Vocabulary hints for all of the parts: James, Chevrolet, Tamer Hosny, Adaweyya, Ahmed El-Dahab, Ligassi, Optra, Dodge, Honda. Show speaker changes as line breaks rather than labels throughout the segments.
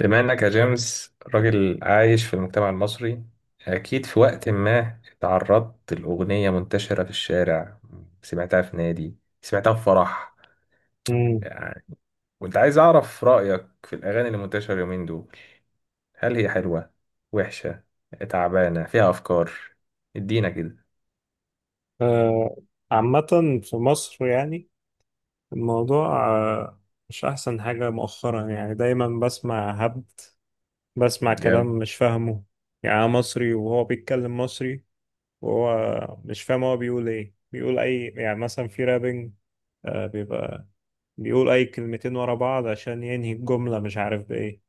بما انك يا جيمس راجل عايش في المجتمع المصري، اكيد في وقت ما اتعرضت لاغنيه منتشره في الشارع، سمعتها في نادي، سمعتها في فرح.
مم.
يعني كنت عايز اعرف رايك في الاغاني اللي منتشره اليومين دول. هل هي حلوه، وحشه، تعبانه، فيها افكار؟ ادينا كده.
آه، عامة في مصر يعني الموضوع مش أحسن حاجة مؤخرا. يعني دايما بسمع هبد، بسمع كلام
جامد.
مش فاهمه. يعني أنا مصري وهو بيتكلم مصري، وهو مش فاهم هو بيقول إيه، بيقول أي، يعني مثلا في رابنج. بيبقى بيقول أي كلمتين ورا بعض عشان ينهي الجملة مش عارف بإيه،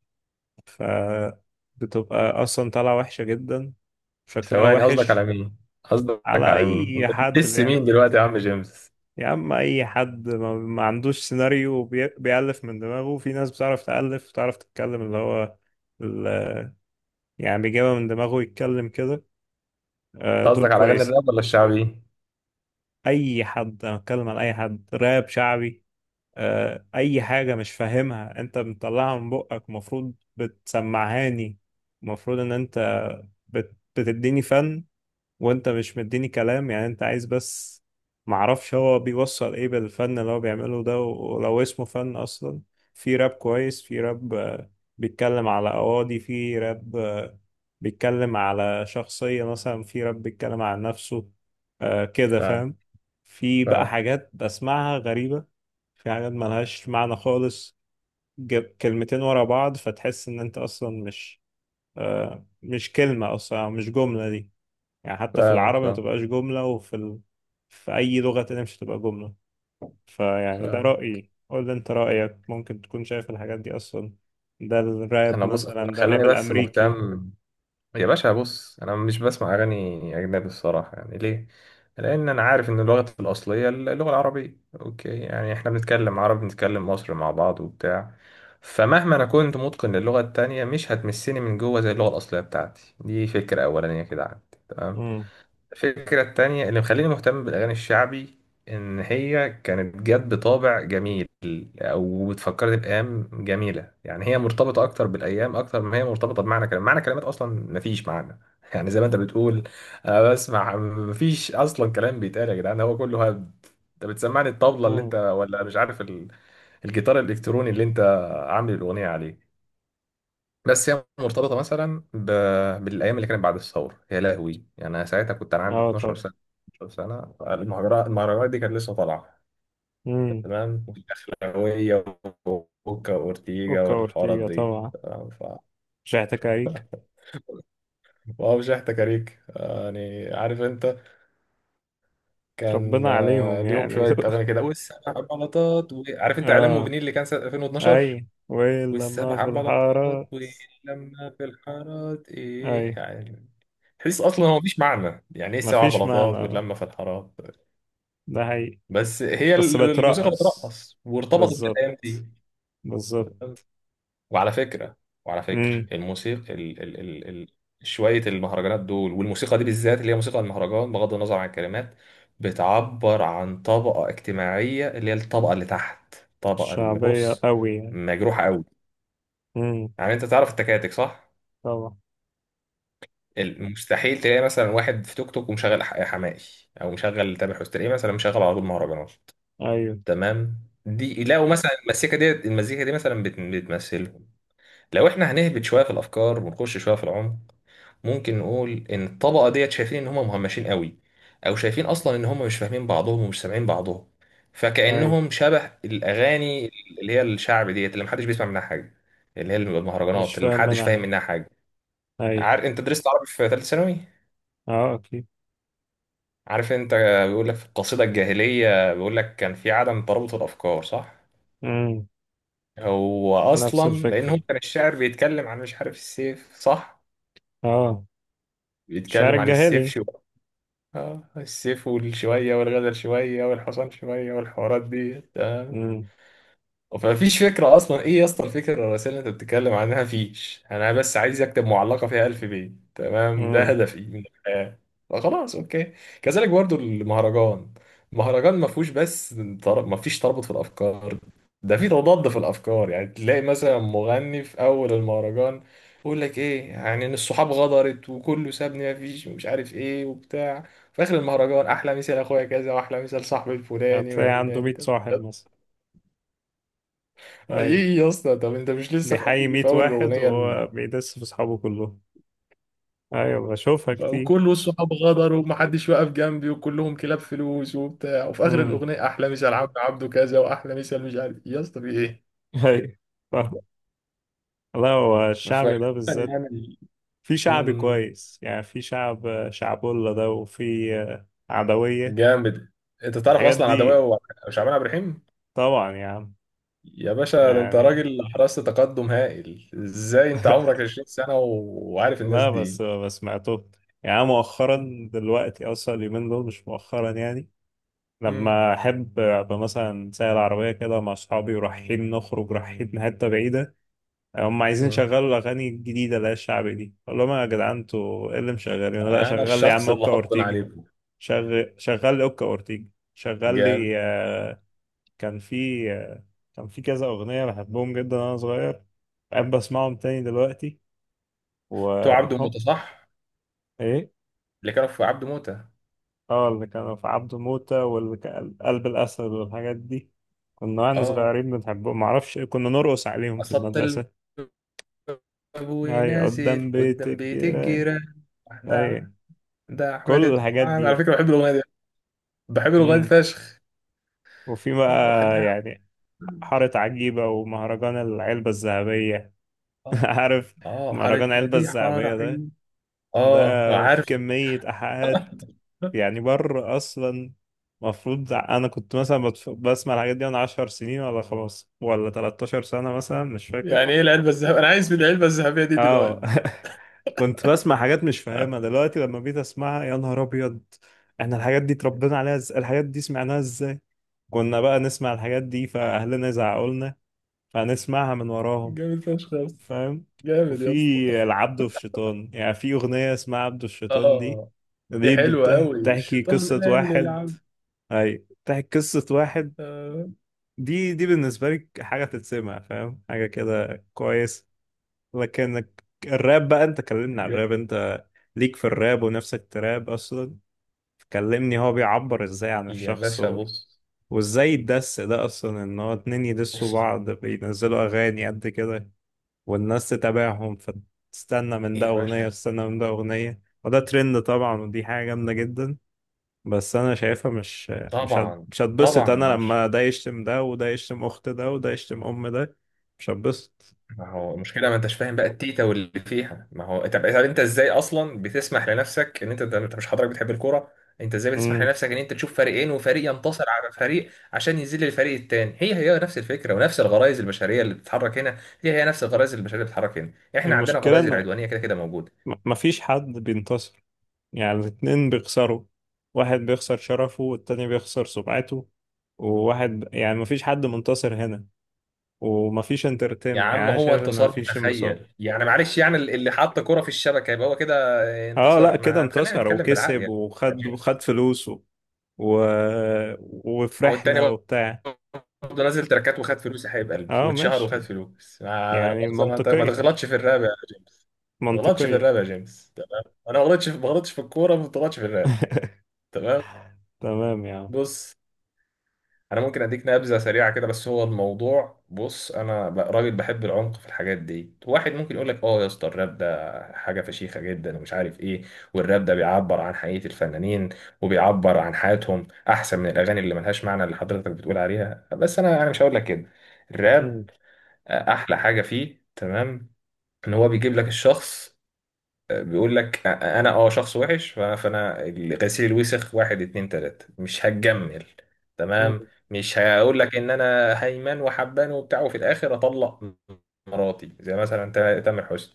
فبتبقى أصلا طالعة وحشة جدا، شكلها
ثواني، قصدك على
وحش.
مين؟ قصدك
على
على مين
أي
انت
حد
بتدس
بيعمل
مين
كده،
دلوقتي يا عم جيمس؟
يا عم اي حد ما عندوش سيناريو بيألف من دماغه. في ناس بتعرف تألف وتعرف تتكلم، اللي هو ال- يعني بيجيبها من دماغه يتكلم كده. دول
قصدك على اغاني
كويس.
الراب ولا الشعبي؟
اي حد، انا بتكلم على اي حد، راب شعبي. اي حاجة مش فاهمها انت بتطلعها من بقك، المفروض بتسمعهاني. المفروض ان انت بتديني فن، وانت مش مديني كلام، يعني انت عايز بس معرفش هو بيوصل ايه بالفن اللي هو بيعمله ده، ولو اسمه فن اصلا. في راب كويس، في راب بيتكلم على قواضي، في راب بيتكلم على شخصية، مثلا في راب بيتكلم على نفسه. كده
فاهم.
فاهم. في بقى
فاهم.
حاجات بسمعها غريبة، في حاجات ملهاش معنى خالص. كلمتين ورا بعض فتحس ان انت اصلا مش مش كلمة اصلا، أو مش جملة دي. يعني حتى في
فاهم.
العربي ما تبقاش جملة، وفي في أي لغة تانية مش هتبقى جملة. فيعني ده
فاهم.
رأيي، قول لي أنت رأيك، ممكن تكون شايف الحاجات دي أصلا. ده الراب،
انا بص،
مثلا ده
خليني
الراب
بس
الأمريكي.
مهتم. يا باشا بص، انا مش بسمع اغاني اجنبي الصراحه، يعني ليه؟ لان انا عارف ان اللغه الاصليه اللغه العربيه، اوكي، يعني احنا بنتكلم عربي، بنتكلم مصري مع بعض وبتاع. فمهما انا كنت متقن للغه التانية مش هتمسني من جوه زي اللغه الاصليه بتاعتي. دي فكره اولانيه كده عندي، تمام.
امم
الفكرة التانية اللي مخليني مهتم بالأغاني الشعبي إن هي كانت جت بطابع جميل أو بتفكرني بأيام جميلة. يعني هي مرتبطة أكتر بالأيام أكتر ما هي مرتبطة بمعنى كلام، معنى كلمات أصلا مفيش معنى يعني زي ما أنت بتقول. أنا بسمع مفيش أصلا كلام بيتقال يا جدعان، هو كله هبد. أنت بتسمعني الطبلة اللي أنت،
امم.
ولا مش عارف الجيتار الإلكتروني اللي أنت عامل الأغنية عليه. بس هي مرتبطه مثلا ب... بالايام اللي كانت بعد الثوره، يا لهوي. يعني انا ساعتها كنت انا عندي
اه
12
طبعا.
سنه، 12 سنه. المهرجانات دي كانت لسه طالعه،
امم.
تمام. اخلاويه وكوكا واورتيجا
أوكا
والحوارات
أورتيجا
دي،
طبعا،
تمام. ف...
شحت كاريك.
واو، شحت كاريك، يعني عارف انت. كان
ربنا عليهم
ليهم
يعني.
شويه اغاني كده والسبع بلاطات و... عارف انت اعلام
اه.
موبينيل اللي كان سنه 2012
أي ويل لما
والسبع
في
بلاطات
الحارة.
ولما في الحارات، ايه
أي.
يعني؟ تحس اصلا هو مفيش معنى. يعني ايه السبع
مفيش
بلاطات
معنى،
واللمه في الحارات؟
ده حقيقي.
بس هي
بس
الموسيقى
بترقص،
بترقص وارتبطت
بالظبط،
بالايام دي.
بالظبط.
وعلى فكره، وعلى فكره الموسيقى ال ال ال ال شويه، المهرجانات دول والموسيقى دي بالذات اللي هي موسيقى المهرجان بغض النظر عن الكلمات، بتعبر عن طبقه اجتماعيه اللي هي الطبقه اللي تحت، الطبقه اللي
شعبية
بص،
قوي يعني.
مجروحه قوي.
امم.
يعني انت تعرف التكاتك صح؟
طبعا.
المستحيل تلاقي مثلا واحد في توك توك ومشغل حماقي او مشغل تامر حسني، تلاقيه مثلا مشغل على طول مهرجانات،
ايوه.
تمام. دي لو مثلا المزيكا دي، مثلا بتمثلهم. لو احنا هنهبط شويه في الافكار ونخش شويه في العمق، ممكن نقول ان الطبقه ديت شايفين ان هم مهمشين قوي، او شايفين اصلا ان هم مش فاهمين بعضهم ومش سامعين بعضهم.
ايوه.
فكانهم شبه الاغاني اللي هي الشعب ديت اللي محدش بيسمع منها حاجه، اللي هي
مش
المهرجانات اللي
فاهم
محدش
منها
فاهم
يعني.
منها حاجه.
ايوه.
عارف انت درست عربي في ثالثه ثانوي؟
اه اكيد.
عارف انت، بيقول لك في القصيده الجاهليه بيقول لك كان في عدم ترابط الافكار صح؟
امم.
هو
نفس
اصلا لان هو
الفكرة،
كان الشاعر بيتكلم عن مش عارف السيف صح؟
اه. الشعر
بيتكلم عن السيف
الجاهلي.
شو. اه، السيف والشوية والغزل شوية والحصان شوية والحوارات دي.
امم.
فمفيش فكرة أصلا. إيه يا اسطى الفكرة الرئيسية اللي أنت بتتكلم عنها؟ مفيش. أنا بس عايز أكتب معلقة فيها ألف بيت، تمام، ده
امم.
هدفي من الحياة، فخلاص أوكي. كذلك برضو المهرجان. المهرجان مفهوش بس مفيش ترابط في الأفكار، ده في تضاد في الأفكار. يعني تلاقي مثلا مغني في أول المهرجان يقول لك إيه، يعني إن الصحاب غدرت وكله سابني مفيش ومش عارف إيه وبتاع. في آخر المهرجان أحلى مثال أخويا كذا وأحلى مثال صاحبي الفلاني
هتلاقي عنده
والعلاني.
100 صاحب مثلا. ايوه،
ايه يا اسطى، طب انت مش لسه في
بيحيي
اول،
100
في اول
واحد
الاغنيه
وهو بيدس في صحابه كلهم. ايوه بشوفها كتير.
وكل الصحاب غدر ومحدش واقف جنبي وكلهم كلاب فلوس وبتاع، وفي اخر
امم.
الاغنيه احلى مثال عبد عبده كذا واحلى مثال مش عارف إيه. يا اسطى في ايه؟
ايوه. فاهم. لا، هو
ف-
الشعبي ده بالذات
يعني،
في شعبي
أمم،
كويس يعني. في شعب شعبولة ده، وفي عدوية،
جامد. انت تعرف
الحاجات
اصلا
دي.
عدوية وشعبان عبد الرحيم؟
طبعا يعني.
يا باشا، ده انت
يعني
راجل حرصت، تقدم هائل ازاي انت عمرك 20 سنه وعارف الناس
لا، بس
دي.
بس سمعته. يعني أنا مؤخرا دلوقتي اصلا، اليومين دول مش مؤخرا يعني.
أمم،
لما احب ابقى مثلا سايق العربيه كده مع اصحابي، ورايحين نخرج رايحين حته بعيده. هم عايزين
أمم.
يشغلوا الاغاني الجديده اللي هي الشعبي دي، اقول لهم يا جدعان انتوا ايه اللي مشغلينه، لا
انا
شغل لي يا عم
الشخص اللي
اوكا
هطن
اورتيجي.
عليكم.
شغل لي اوكا اورتيجي. شغل
جامد.
لي كان في آه، كان في كذا اغنيه بحبهم جدا وانا صغير، بحب اسمعهم تاني دلوقتي
تو عبده
و...
موته صح؟
ايه.
اللي كانوا في عبد موتة.
اه، اللي كانوا في عبده موتة، واللي كان قلب الاسد والحاجات دي. كنا واحنا
اه،
صغيرين بنحبهم، معرفش كنا نرقص عليهم في
قصدت الباب
المدرسة. اي،
ونازل
قدام بيت
قدام بيت
الجيران.
الجيران، ده.
اي.
ده
كل
احمد
الحاجات
الدهاب.
دي
على
بقى.
فكره بحب الاغنيه دي. بحب الاغنيه دي
امم.
فشخ.
وفي بقى
وحدها.
يعني حارة عجيبة، ومهرجان العلبة الذهبية.
اه.
عارف
اه
مهرجان
حارتنا
العلبة
دي حاره
الذهبية ده،
عين.
ده
اه،
في
عارف.
كمية إيحاءات يعني بره اصلا. المفروض انا كنت مثلا بسمع الحاجات دي وانا 10 سنين، ولا خلاص ولا 13 سنة مثلا، مش فاكر.
يعني ايه العلبه الذهبيه؟ انا عايز من العلبه الذهبيه دي
اه
دلوقتي.
كنت بسمع حاجات مش فاهمها دلوقتي، لما بقيت اسمعها يا نهار ابيض. احنا الحاجات دي اتربينا عليها ازاي؟ الحاجات دي سمعناها ازاي؟ كنا بقى نسمع الحاجات دي فاهلنا يزعقوا لنا، فنسمعها من وراهم.
جامد فشخ يا اسطى.
فاهم.
جامد
وفي
يا اسطى.
العبد والشيطان، يعني في اغنية اسمها عبد والشيطان دي،
اه، دي
دي
حلوه قوي،
بتحكي
الشيطان
قصة
قال
واحد.
للعبد.
اي، بتحكي قصة واحد.
آه.
دي بالنسبة لي حاجة تتسمع، فاهم، حاجة كده كويس. لكن الراب بقى، انت كلمني على الراب،
جامد.
انت ليك في الراب ونفسك تراب اصلا. كلمني هو بيعبر ازاي عن
يا
الشخص،
باشا
و...
بص.
وازاي الدس ده اصلا، ان هو اتنين يدسوا بعض بينزلوا اغاني قد كده، والناس تتابعهم فتستنى من ده
ايه يا
اغنية
باشا.
وتستنى من ده اغنية، وده ترند طبعا، ودي حاجة جامدة جدا. بس انا شايفها مش
طبعا.
مش هتبسط.
طبعا يا
انا
باشا.
لما ده يشتم ده، وده يشتم اخت ده، وده يشتم ام ده، مش هتبسط.
ما هو المشكله ما انتش فاهم بقى التيتا واللي فيها. ما هو، طب، طب انت ازاي اصلا بتسمح لنفسك ان انت ده، انت مش حضرتك بتحب الكوره؟ انت ازاي بتسمح
امم.
لنفسك ان انت تشوف فريقين وفريق ينتصر على فريق عشان يذل الفريق التاني؟ هي هي نفس الفكره ونفس الغرائز البشريه اللي بتتحرك هنا، هي هي نفس الغرائز البشريه اللي بتتحرك هنا. احنا عندنا
المشكله
غرائز
ان
العدوانيه كده كده موجوده.
مفيش حد بينتصر، يعني الاتنين بيخسروا. واحد بيخسر شرفه والتاني بيخسر سمعته. وواحد يعني مفيش حد منتصر هنا، ومفيش
يا
انترتينمنت، يعني
عم
انا
هو
شايف ان
انتصار
مفيش انبساط.
متخيل، يعني معلش، يعني اللي حط كرة في الشبكه يبقى هو كده
اه لا،
انتصر.
كده
ما تخلينا
انتصر
نتكلم بالعقل
وكسب،
يعني.
وخد فلوسه و...
ما هو التاني
وفرحنا وبتاع.
برضه نازل تراكات وخد فلوس يا حبيب قلبي
اه
واتشهر وخد
ماشي،
فلوس، ما لا
يعني
مؤاخذة، ما انت، ما
منطقية،
تغلطش في الراب يا جيمس. ما تغلطش في
منطقية.
الراب يا جيمس، تمام. انا ما غلطتش، ما غلطتش في الكوره، ما غلطتش في الراب، تمام.
تمام يا عم.
بص، انا ممكن اديك نبذه سريعه كده. بس هو الموضوع، بص، انا راجل بحب العمق في الحاجات دي. واحد ممكن يقول لك اه يا اسطى الراب ده حاجه فشيخه جدا ومش عارف ايه، والراب ده بيعبر عن حقيقه الفنانين وبيعبر عن حياتهم احسن من الاغاني اللي ملهاش معنى اللي حضرتك بتقول عليها. بس انا مش هقول لك كده. الراب،
مم.
احلى حاجه فيه، تمام، ان هو بيجيب لك الشخص، بيقول لك انا اه شخص وحش فانا غسيل الوسخ واحد اتنين تلاتة مش هتجمل،
مم.
تمام. مش هقول لك ان انا هيمن وحبان وبتاع وفي الاخر اطلق مراتي، زي مثلا تامر حسني،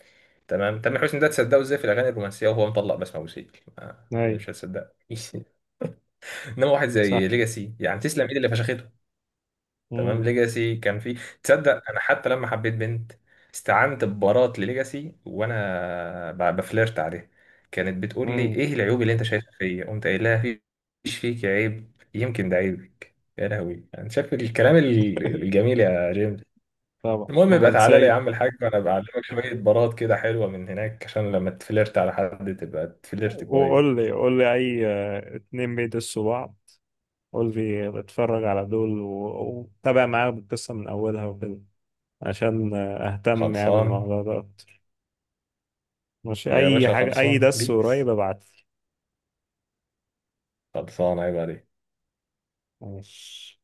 تمام. تامر حسني ده تصدقه ازاي في الاغاني الرومانسيه وهو مطلق بسمة وسيل؟
أي.
مش هتصدق. انما واحد
صح.
زي ليجاسي يعني تسلم ايد اللي فشخته، تمام.
مم.
ليجاسي كان في تصدق. انا حتى لما حبيت بنت استعنت ببارات لليجاسي وانا بفلرت عليها. كانت بتقول لي
مم.
ايه العيوب اللي انت شايفها فيا، قمت قايل لها مفيش فيك عيب، يمكن ده عيبك. يا لهوي انا شايف الكلام الجميل يا جيمس.
طبعا
المهم يبقى تعالى لي يا
رومانسية.
عم الحاج وانا بعلمك شويه بارات كده حلوه من هناك عشان لما تفلرت على حد تبقى تفلرت
وقول
كويس.
لي، قول لي أي اتنين بيدسوا بعض. قول لي بتفرج على دول وتابع معاهم القصة من أولها وكده، عشان أهتم يعني
خلصان
بالموضوع ده أكتر. مش
يا
أي
باشا،
حاجة، أي
خلصان
دس قريب
بيس،
ابعت لي.
خلصان عيب عليك.
ماشي.